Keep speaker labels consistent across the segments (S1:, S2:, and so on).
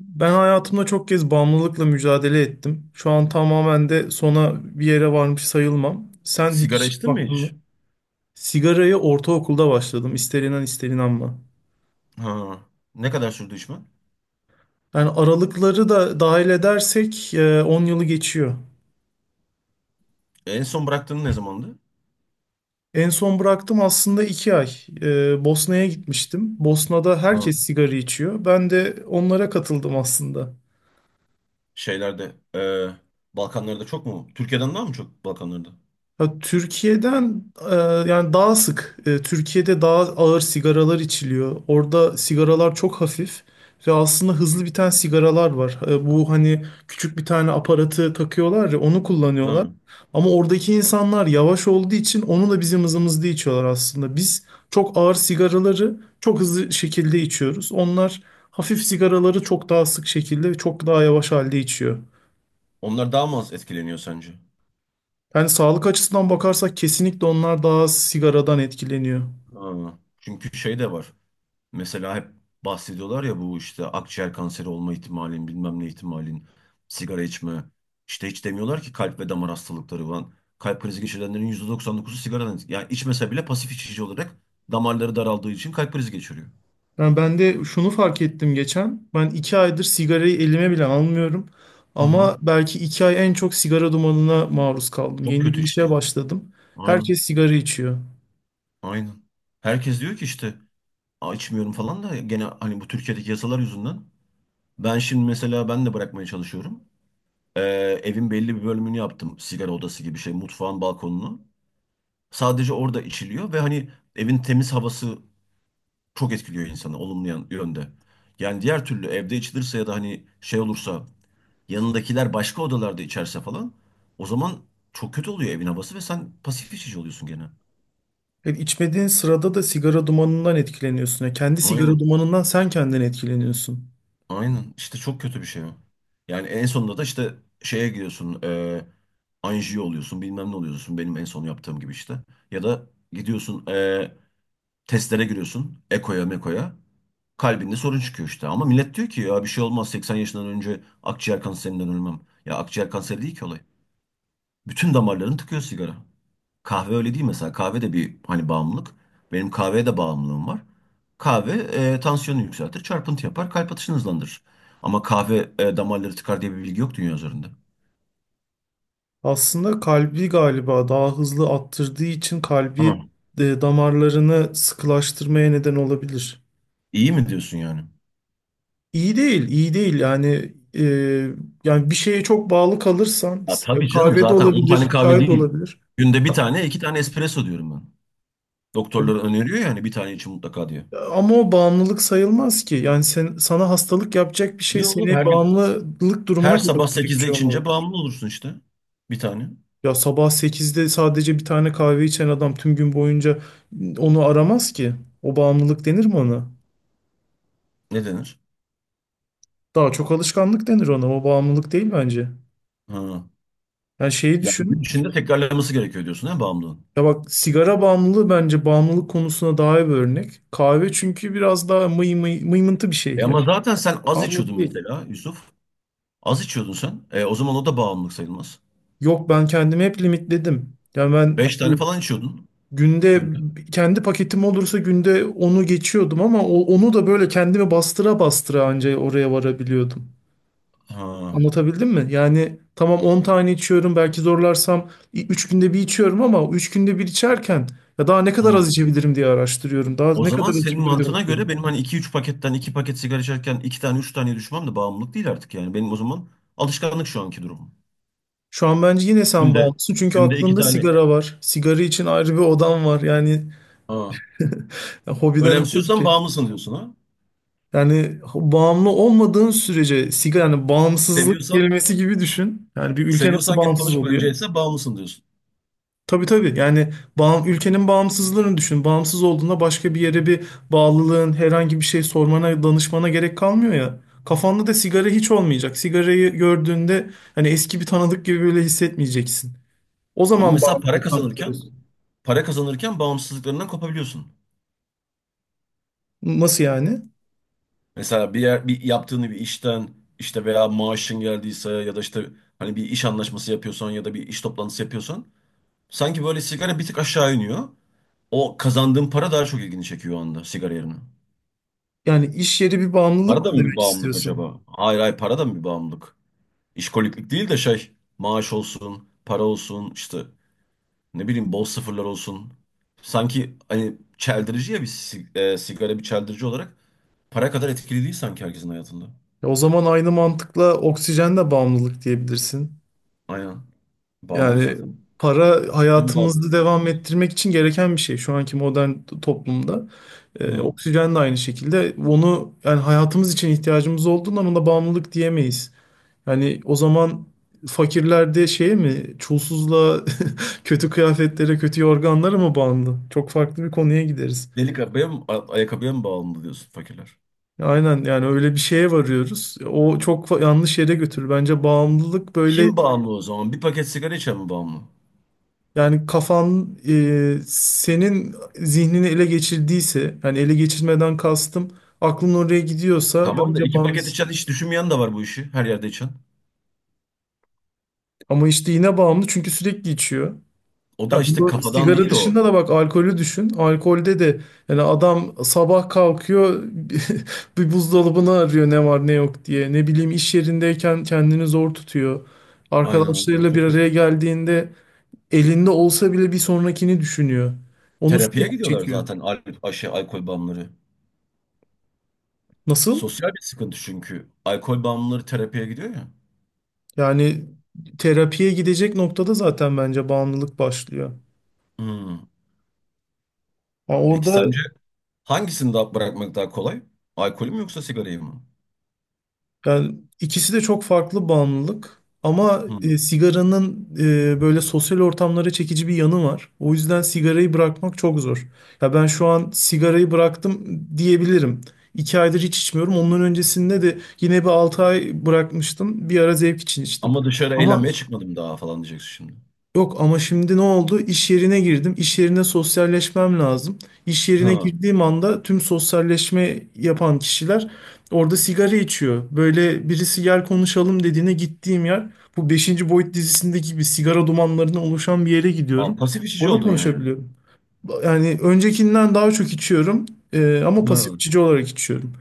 S1: Ben hayatımda çok kez bağımlılıkla mücadele ettim. Şu an tamamen de sona bir yere varmış sayılmam. Sen
S2: Sigara
S1: hiç
S2: içtin mi
S1: baktın
S2: hiç?
S1: mı? Sigaraya ortaokulda başladım. İster inan ister inanma.
S2: Ha. Ne kadar sürdü içmen?
S1: Yani aralıkları da dahil edersek 10 yılı geçiyor.
S2: En son bıraktığın ne zamandı?
S1: En son bıraktım aslında 2 ay. Bosna'ya gitmiştim. Bosna'da
S2: Ha.
S1: herkes sigara içiyor. Ben de onlara katıldım aslında.
S2: Şeylerde, Balkanlarda çok mu? Türkiye'den daha mı çok Balkanlarda?
S1: Ya Türkiye'den e, yani daha sık. Türkiye'de daha ağır sigaralar içiliyor. Orada sigaralar çok hafif ve aslında hızlı biten sigaralar var. Bu hani küçük bir tane aparatı takıyorlar ya onu kullanıyorlar.
S2: Ha.
S1: Ama oradaki insanlar yavaş olduğu için onu da bizim hızımızda içiyorlar aslında. Biz çok ağır sigaraları çok hızlı şekilde içiyoruz. Onlar hafif sigaraları çok daha sık şekilde ve çok daha yavaş halde içiyor.
S2: Onlar daha mı az etkileniyor sence?
S1: Yani sağlık açısından bakarsak kesinlikle onlar daha az sigaradan etkileniyor.
S2: Ha. Çünkü şey de var. Mesela hep bahsediyorlar ya bu işte akciğer kanseri olma ihtimalin, bilmem ne ihtimalin, sigara içme. İşte hiç demiyorlar ki kalp ve damar hastalıkları falan. Kalp krizi geçirenlerin %99'u sigaradan. Yani içmese bile pasif içici olarak damarları daraldığı için kalp krizi geçiriyor.
S1: Yani ben de şunu fark ettim geçen. Ben iki aydır sigarayı elime bile almıyorum.
S2: Hı hı.
S1: Ama belki iki ay en çok sigara dumanına maruz kaldım.
S2: Çok
S1: Yeni
S2: kötü
S1: bir
S2: işte.
S1: işe başladım.
S2: Aynen.
S1: Herkes sigara içiyor.
S2: Aynen. Herkes diyor ki işte, "Aa, içmiyorum falan da gene hani bu Türkiye'deki yasalar yüzünden." Ben şimdi mesela ben de bırakmaya çalışıyorum. Ee, Evin belli bir bölümünü yaptım. Sigara odası gibi şey, mutfağın balkonunu. Sadece orada içiliyor ve hani evin temiz havası çok etkiliyor insanı olumlu yönde. Yani diğer türlü evde içilirse ya da hani şey olursa yanındakiler başka odalarda içerse falan o zaman çok kötü oluyor evin havası ve sen pasif içici oluyorsun gene.
S1: Yani içmediğin sırada da sigara dumanından etkileniyorsun. Yani kendi sigara
S2: Aynen.
S1: dumanından sen kendin etkileniyorsun.
S2: Aynen. İşte çok kötü bir şey o. Yani en sonunda da işte şeye gidiyorsun. Anjiyo oluyorsun. Bilmem ne oluyorsun. Benim en son yaptığım gibi işte. Ya da gidiyorsun testlere giriyorsun. Eko'ya meko'ya. Kalbinde sorun çıkıyor işte. Ama millet diyor ki ya bir şey olmaz. 80 yaşından önce akciğer kanserinden ölmem. Ya akciğer kanseri değil ki olay. Bütün damarlarını tıkıyor sigara. Kahve öyle değil mesela. Kahve de bir hani bağımlılık. Benim kahveye de bağımlılığım var. Kahve tansiyonu yükseltir, çarpıntı yapar, kalp atışını hızlandırır. Ama kahve damarları tıkar diye bir bilgi yok dünya üzerinde.
S1: Aslında kalbi galiba daha hızlı attırdığı için
S2: Hı.
S1: damarlarını sıkılaştırmaya neden olabilir.
S2: İyi mi diyorsun yani?
S1: İyi değil, iyi değil. Yani bir şeye çok bağlı kalırsan,
S2: Ya
S1: ya
S2: tabii canım
S1: kahve de
S2: zaten 10
S1: olabilir,
S2: tane kahve
S1: çay da
S2: değil.
S1: olabilir.
S2: Günde bir tane, iki tane espresso diyorum ben. Doktorlar öneriyor yani bir tane için mutlaka diyor.
S1: Ama o bağımlılık sayılmaz ki. Yani sana hastalık yapacak bir şey
S2: Niye oğlum
S1: seni
S2: her gün
S1: bağımlılık durumuna
S2: her
S1: kadar
S2: sabah
S1: götürecek bir
S2: 8'de
S1: şey
S2: içince
S1: olmalı.
S2: bağımlı olursun işte. Bir tane.
S1: Ya sabah sekizde sadece bir tane kahve içen adam tüm gün boyunca onu aramaz ki. O bağımlılık denir mi ona?
S2: Ne denir?
S1: Daha çok alışkanlık denir ona. O bağımlılık değil bence.
S2: Ha.
S1: Yani şeyi
S2: Yani gün
S1: düşün.
S2: içinde tekrarlaması gerekiyor diyorsun ha bağımlılığın.
S1: Ya bak sigara bağımlılığı bence bağımlılık konusuna daha iyi bir örnek. Kahve çünkü biraz daha mıy mıy, mıymıntı bir şey. Ya
S2: Ama zaten sen az
S1: bağımlılık
S2: içiyordun
S1: değil.
S2: mesela Yusuf. Az içiyordun sen. O zaman o da bağımlılık sayılmaz.
S1: Yok ben kendimi hep limitledim. Yani ben
S2: Beş tane falan içiyordun
S1: günde
S2: günde.
S1: kendi paketim olursa günde onu geçiyordum ama onu da böyle kendimi bastıra bastıra anca oraya varabiliyordum.
S2: Ha.
S1: Anlatabildim mi? Yani tamam 10 tane içiyorum belki zorlarsam 3 günde bir içiyorum ama 3 günde bir içerken ya daha ne
S2: Hı.
S1: kadar az içebilirim diye araştırıyorum. Daha
S2: O
S1: ne kadar
S2: zaman
S1: az
S2: senin
S1: içebilirim diye
S2: mantığına göre
S1: bakıyorum.
S2: benim hani iki üç paketten iki paket sigara içerken iki tane üç tane düşmem de bağımlılık değil artık yani. Benim o zaman alışkanlık şu anki durumum.
S1: Şu an bence yine sen
S2: Günde
S1: bağımlısın çünkü
S2: günde iki
S1: aklında
S2: tane.
S1: sigara var. Sigara için ayrı bir odan var. Yani
S2: Ha.
S1: hobiden öte bir
S2: Önemsiyorsan
S1: şey.
S2: bağımlısın diyorsun ha.
S1: Yani bağımlı olmadığın sürece sigara yani bağımsızlık
S2: Seviyorsan
S1: kelimesi gibi düşün. Yani bir ülke nasıl
S2: seviyorsan git
S1: bağımsız
S2: konuş bence
S1: oluyor?
S2: ise bağımlısın diyorsun.
S1: Tabii tabii. Yani ülkenin bağımsızlığını düşün. Bağımsız olduğunda başka bir yere bir bağlılığın, herhangi bir şey sormana, danışmana gerek kalmıyor ya. Kafanda da sigara hiç olmayacak. Sigarayı gördüğünde hani eski bir tanıdık gibi böyle hissetmeyeceksin. O
S2: Ama
S1: zaman
S2: mesela para
S1: bağımlılıktan
S2: kazanırken
S1: kurtulursun.
S2: para kazanırken bağımsızlıklarından kopabiliyorsun.
S1: Nasıl yani?
S2: Mesela bir yaptığını bir işten işte veya maaşın geldiyse ya da işte hani bir iş anlaşması yapıyorsan ya da bir iş toplantısı yapıyorsan sanki böyle sigara bir tık aşağı iniyor. O kazandığın para daha çok ilgini çekiyor o anda sigara yerine.
S1: Yani iş yeri bir
S2: Para
S1: bağımlılık
S2: da
S1: mı
S2: mı bir
S1: demek
S2: bağımlılık
S1: istiyorsun?
S2: acaba? Hayır, hayır, para da mı bir bağımlılık? İşkoliklik değil de şey, maaş olsun, para olsun işte ne bileyim bol sıfırlar olsun. Sanki hani çeldirici ya, sigara bir çeldirici olarak para kadar etkili değil sanki herkesin hayatında.
S1: Ya o zaman aynı mantıkla oksijen de bağımlılık diyebilirsin.
S2: Aynen. Bağımlı
S1: Yani
S2: zaten.
S1: para
S2: Kim bağımlı
S1: hayatımızı devam
S2: birbirimiz?
S1: ettirmek için gereken bir şey şu anki modern toplumda.
S2: Hı.
S1: Oksijen de aynı şekilde. Onu yani hayatımız için ihtiyacımız olduğunda buna bağımlılık diyemeyiz. Yani o zaman fakirler de şeye mi, çulsuzluğa, kötü kıyafetlere, kötü yorganlara mı bağımlı? Çok farklı bir konuya gideriz.
S2: Delik arabaya mı, ayakkabıya mı bağımlı diyorsun fakirler?
S1: Aynen yani öyle bir şeye varıyoruz. O yanlış yere götürür. Bence bağımlılık böyle
S2: Kim bağımlı o zaman? Bir paket sigara içen mi bağımlı?
S1: yani senin zihnini ele geçirdiyse yani ele geçirmeden kastım aklın oraya gidiyorsa
S2: Tamam da
S1: bence
S2: iki paket
S1: bağımlısın.
S2: içen hiç düşünmeyen de var bu işi. Her yerde içen.
S1: Ama işte yine bağımlı çünkü sürekli içiyor.
S2: O
S1: Ya
S2: da işte
S1: bu
S2: kafadan
S1: sigara
S2: değil o.
S1: dışında da bak alkolü düşün. Alkolde de yani adam sabah kalkıyor bir buzdolabını arıyor ne var ne yok diye. Ne bileyim iş yerindeyken kendini zor tutuyor.
S2: Aynen öyle. O
S1: Arkadaşlarıyla bir
S2: çok kötü.
S1: araya geldiğinde elinde olsa bile bir sonrakini düşünüyor. Onu
S2: Terapiye
S1: sürekli
S2: gidiyorlar
S1: çekiyor.
S2: zaten al aşı, alkol bağımlıları.
S1: Nasıl?
S2: Sosyal bir sıkıntı çünkü. Alkol bağımlıları terapiye gidiyor ya.
S1: Yani terapiye gidecek noktada zaten bence bağımlılık başlıyor.
S2: Hmm.
S1: Yani
S2: Peki
S1: orada
S2: sence hangisini daha bırakmak daha kolay? Alkolü mü yoksa sigarayı mı?
S1: yani ikisi de çok farklı bağımlılık ama sigaranın böyle sosyal ortamlara çekici bir yanı var. O yüzden sigarayı bırakmak çok zor. Ya ben şu an sigarayı bıraktım diyebilirim. İki aydır hiç içmiyorum. Ondan öncesinde de yine bir altı ay bırakmıştım. Bir ara zevk için içtim.
S2: Ama dışarı
S1: Ama
S2: eğlenmeye çıkmadım daha falan diyeceksin şimdi.
S1: yok ama şimdi ne oldu? İş yerine girdim. İş yerine sosyalleşmem lazım. İş yerine
S2: Ha.
S1: girdiğim anda tüm sosyalleşme yapan kişiler orada sigara içiyor. Böyle birisi gel konuşalım dediğine gittiğim yer bu beşinci Boyut dizisindeki gibi sigara dumanlarından oluşan bir yere
S2: Aa,
S1: gidiyorum.
S2: pasif içici
S1: Orada
S2: oldun yani.
S1: konuşabiliyorum. Yani öncekinden daha çok içiyorum. Ama pasif
S2: Ha.
S1: içici olarak içiyorum.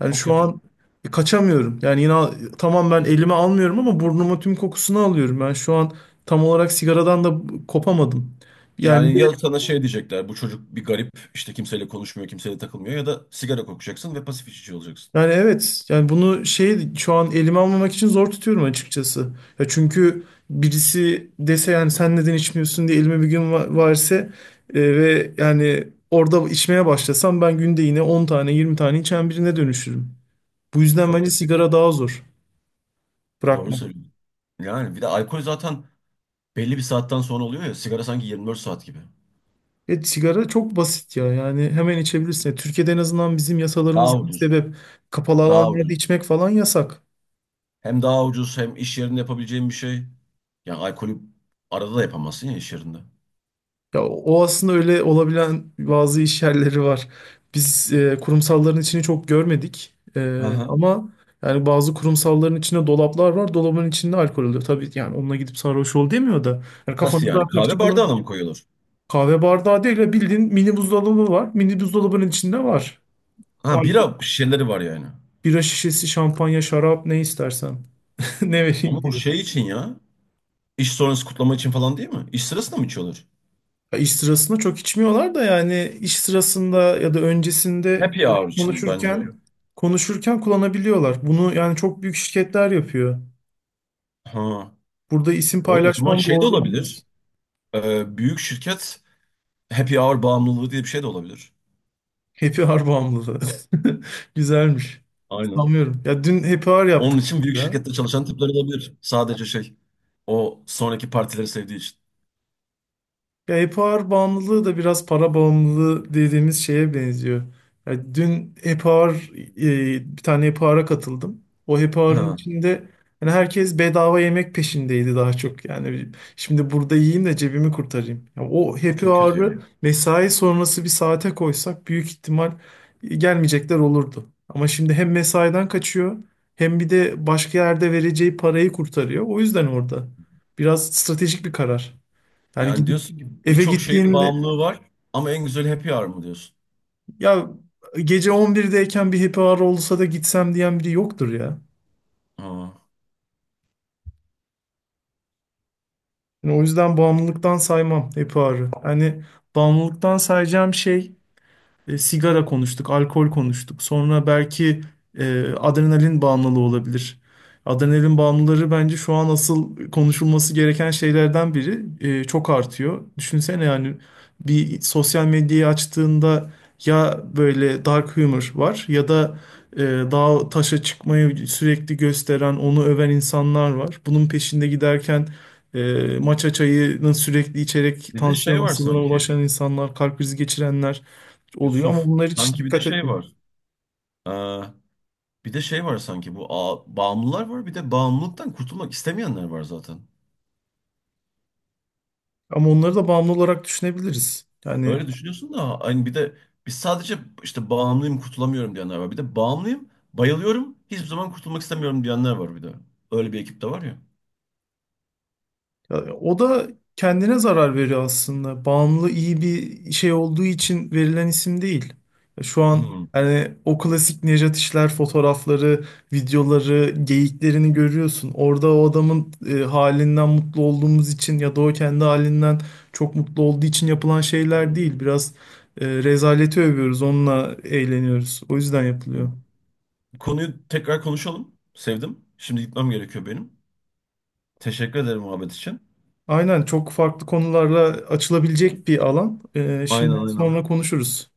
S1: Yani
S2: Çok
S1: şu
S2: kötü.
S1: an e, kaçamıyorum. Yani yine tamam ben elime almıyorum ama burnuma tüm kokusunu alıyorum. Ben şu an tam olarak sigaradan da kopamadım. Yani
S2: Yani
S1: bir-
S2: ya sana şey diyecekler, bu çocuk bir garip işte, kimseyle konuşmuyor kimseyle takılmıyor ya da sigara kokacaksın ve pasif içici olacaksın.
S1: yani evet. Yani bunu şey şu an elime almamak için zor tutuyorum açıkçası. Ya çünkü birisi dese yani sen neden içmiyorsun diye elime bir gün verse ve yani orada içmeye başlasam ben günde yine 10 tane 20 tane içen birine dönüşürüm. Bu yüzden
S2: Çok
S1: bence
S2: kötü.
S1: sigara daha zor
S2: Doğru
S1: bırakmak.
S2: söylüyorsun. Yani bir de alkol zaten belli bir saatten sonra oluyor ya, sigara sanki 24 saat gibi.
S1: Evet, sigara çok basit ya. Yani hemen içebilirsin. Yani Türkiye'de en azından bizim
S2: Daha
S1: yasalarımızın
S2: ucuz.
S1: sebep kapalı
S2: Daha
S1: alanlarda
S2: ucuz.
S1: içmek falan yasak.
S2: Hem daha ucuz hem iş yerinde yapabileceğin bir şey. Yani alkolü arada da yapamazsın ya iş yerinde.
S1: Ya o aslında öyle olabilen bazı iş yerleri var. Biz kurumsalların içini çok görmedik.
S2: Aha.
S1: Ama yani bazı kurumsalların içinde dolaplar var. Dolabın içinde alkol oluyor. Tabii yani onunla gidip sarhoş ol demiyor da. Yani
S2: Nasıl
S1: kafanı
S2: yani?
S1: dağıtmak için
S2: Kahve bardağına mı koyuyorlar?
S1: kahve bardağı değil de bildiğin mini buzdolabı var. Mini buzdolabının içinde var.
S2: Ha,
S1: Alkol,
S2: bira şişeleri var yani.
S1: bira şişesi, şampanya, şarap ne istersen. Ne
S2: Ama
S1: vereyim
S2: o
S1: diye.
S2: şey için ya. İş sonrası kutlama için falan değil mi? İş sırasında mı içiyorlar?
S1: Ya İş sırasında çok içmiyorlar da yani iş sırasında ya da öncesinde
S2: Happy hour için bence o.
S1: konuşurken konuşurken kullanabiliyorlar. Bunu yani çok büyük şirketler yapıyor.
S2: Ha.
S1: Burada isim
S2: O zaman
S1: paylaşmam
S2: şey de
S1: doğru
S2: olabilir.
S1: olmaz.
S2: Büyük şirket happy hour bağımlılığı diye bir şey de olabilir.
S1: Happy Hour bağımlılığı. Güzelmiş.
S2: Aynen.
S1: Sanmıyorum. Ya dün Happy Hour
S2: Onun
S1: yaptık.
S2: için büyük
S1: Ya.
S2: şirkette çalışan tipler olabilir. Sadece şey. O sonraki partileri sevdiği için.
S1: Ya e-power bağımlılığı da biraz para bağımlılığı dediğimiz şeye benziyor. Ya dün bir tane e-power'a katıldım. O e-power'ın
S2: Ha.
S1: içinde yani herkes bedava yemek peşindeydi daha çok. Yani şimdi burada yiyeyim de cebimi kurtarayım. Ya o
S2: O
S1: happy
S2: çok kötü
S1: hour'ı
S2: ya.
S1: mesai sonrası bir saate koysak büyük ihtimal gelmeyecekler olurdu. Ama şimdi hem mesaiden kaçıyor hem bir de başka yerde vereceği parayı kurtarıyor. O yüzden orada biraz stratejik bir karar. Yani
S2: Yani
S1: gidip
S2: diyorsun ki
S1: eve
S2: birçok şeyin
S1: gittiğinde
S2: bağımlılığı var ama en güzel happy hour mı diyorsun?
S1: ya gece 11'deyken bir happy hour olsa da gitsem diyen biri yoktur ya.
S2: Ha.
S1: Yani o yüzden bağımlılıktan saymam happy hour'ı. Hani bağımlılıktan sayacağım şey sigara konuştuk, alkol konuştuk. Sonra belki adrenalin bağımlılığı olabilir. Adrenalin bağımlıları bence şu an asıl konuşulması gereken şeylerden biri. Çok artıyor. Düşünsene yani bir sosyal medyayı açtığında ya böyle dark humor var ya da dağa taşa çıkmayı sürekli gösteren, onu öven insanlar var. Bunun peşinde giderken matcha çayını sürekli içerek
S2: Bir de
S1: tansiyon
S2: şey var
S1: hastalığına
S2: sanki.
S1: ulaşan insanlar, kalp krizi geçirenler oluyor ama
S2: Yusuf.
S1: bunlar hiç
S2: Sanki bir de
S1: dikkat
S2: şey
S1: etmiyorum.
S2: var. Ee, Bir de şey var sanki bu bağımlılar var bir de bağımlılıktan kurtulmak istemeyenler var zaten.
S1: Ama onları da bağımlı olarak düşünebiliriz. Yani
S2: Öyle düşünüyorsun da hani bir de biz sadece işte bağımlıyım kurtulamıyorum diyenler var. Bir de bağımlıyım bayılıyorum hiçbir zaman kurtulmak istemiyorum diyenler var bir de. Öyle bir ekip de var ya.
S1: ya, o da kendine zarar veriyor aslında. Bağımlı iyi bir şey olduğu için verilen isim değil. Ya şu an hani o klasik Nejat İşler fotoğrafları, videoları, geyiklerini görüyorsun. Orada o adamın halinden mutlu olduğumuz için ya da o kendi halinden çok mutlu olduğu için yapılan şeyler değil. Biraz rezaleti övüyoruz, onunla eğleniyoruz. O yüzden
S2: Hmm.
S1: yapılıyor.
S2: Konuyu tekrar konuşalım. Sevdim. Şimdi gitmem gerekiyor benim. Teşekkür ederim muhabbet için.
S1: Aynen çok farklı konularla açılabilecek bir alan.
S2: Aynen,
S1: Şimdi
S2: aynen.
S1: sonra konuşuruz.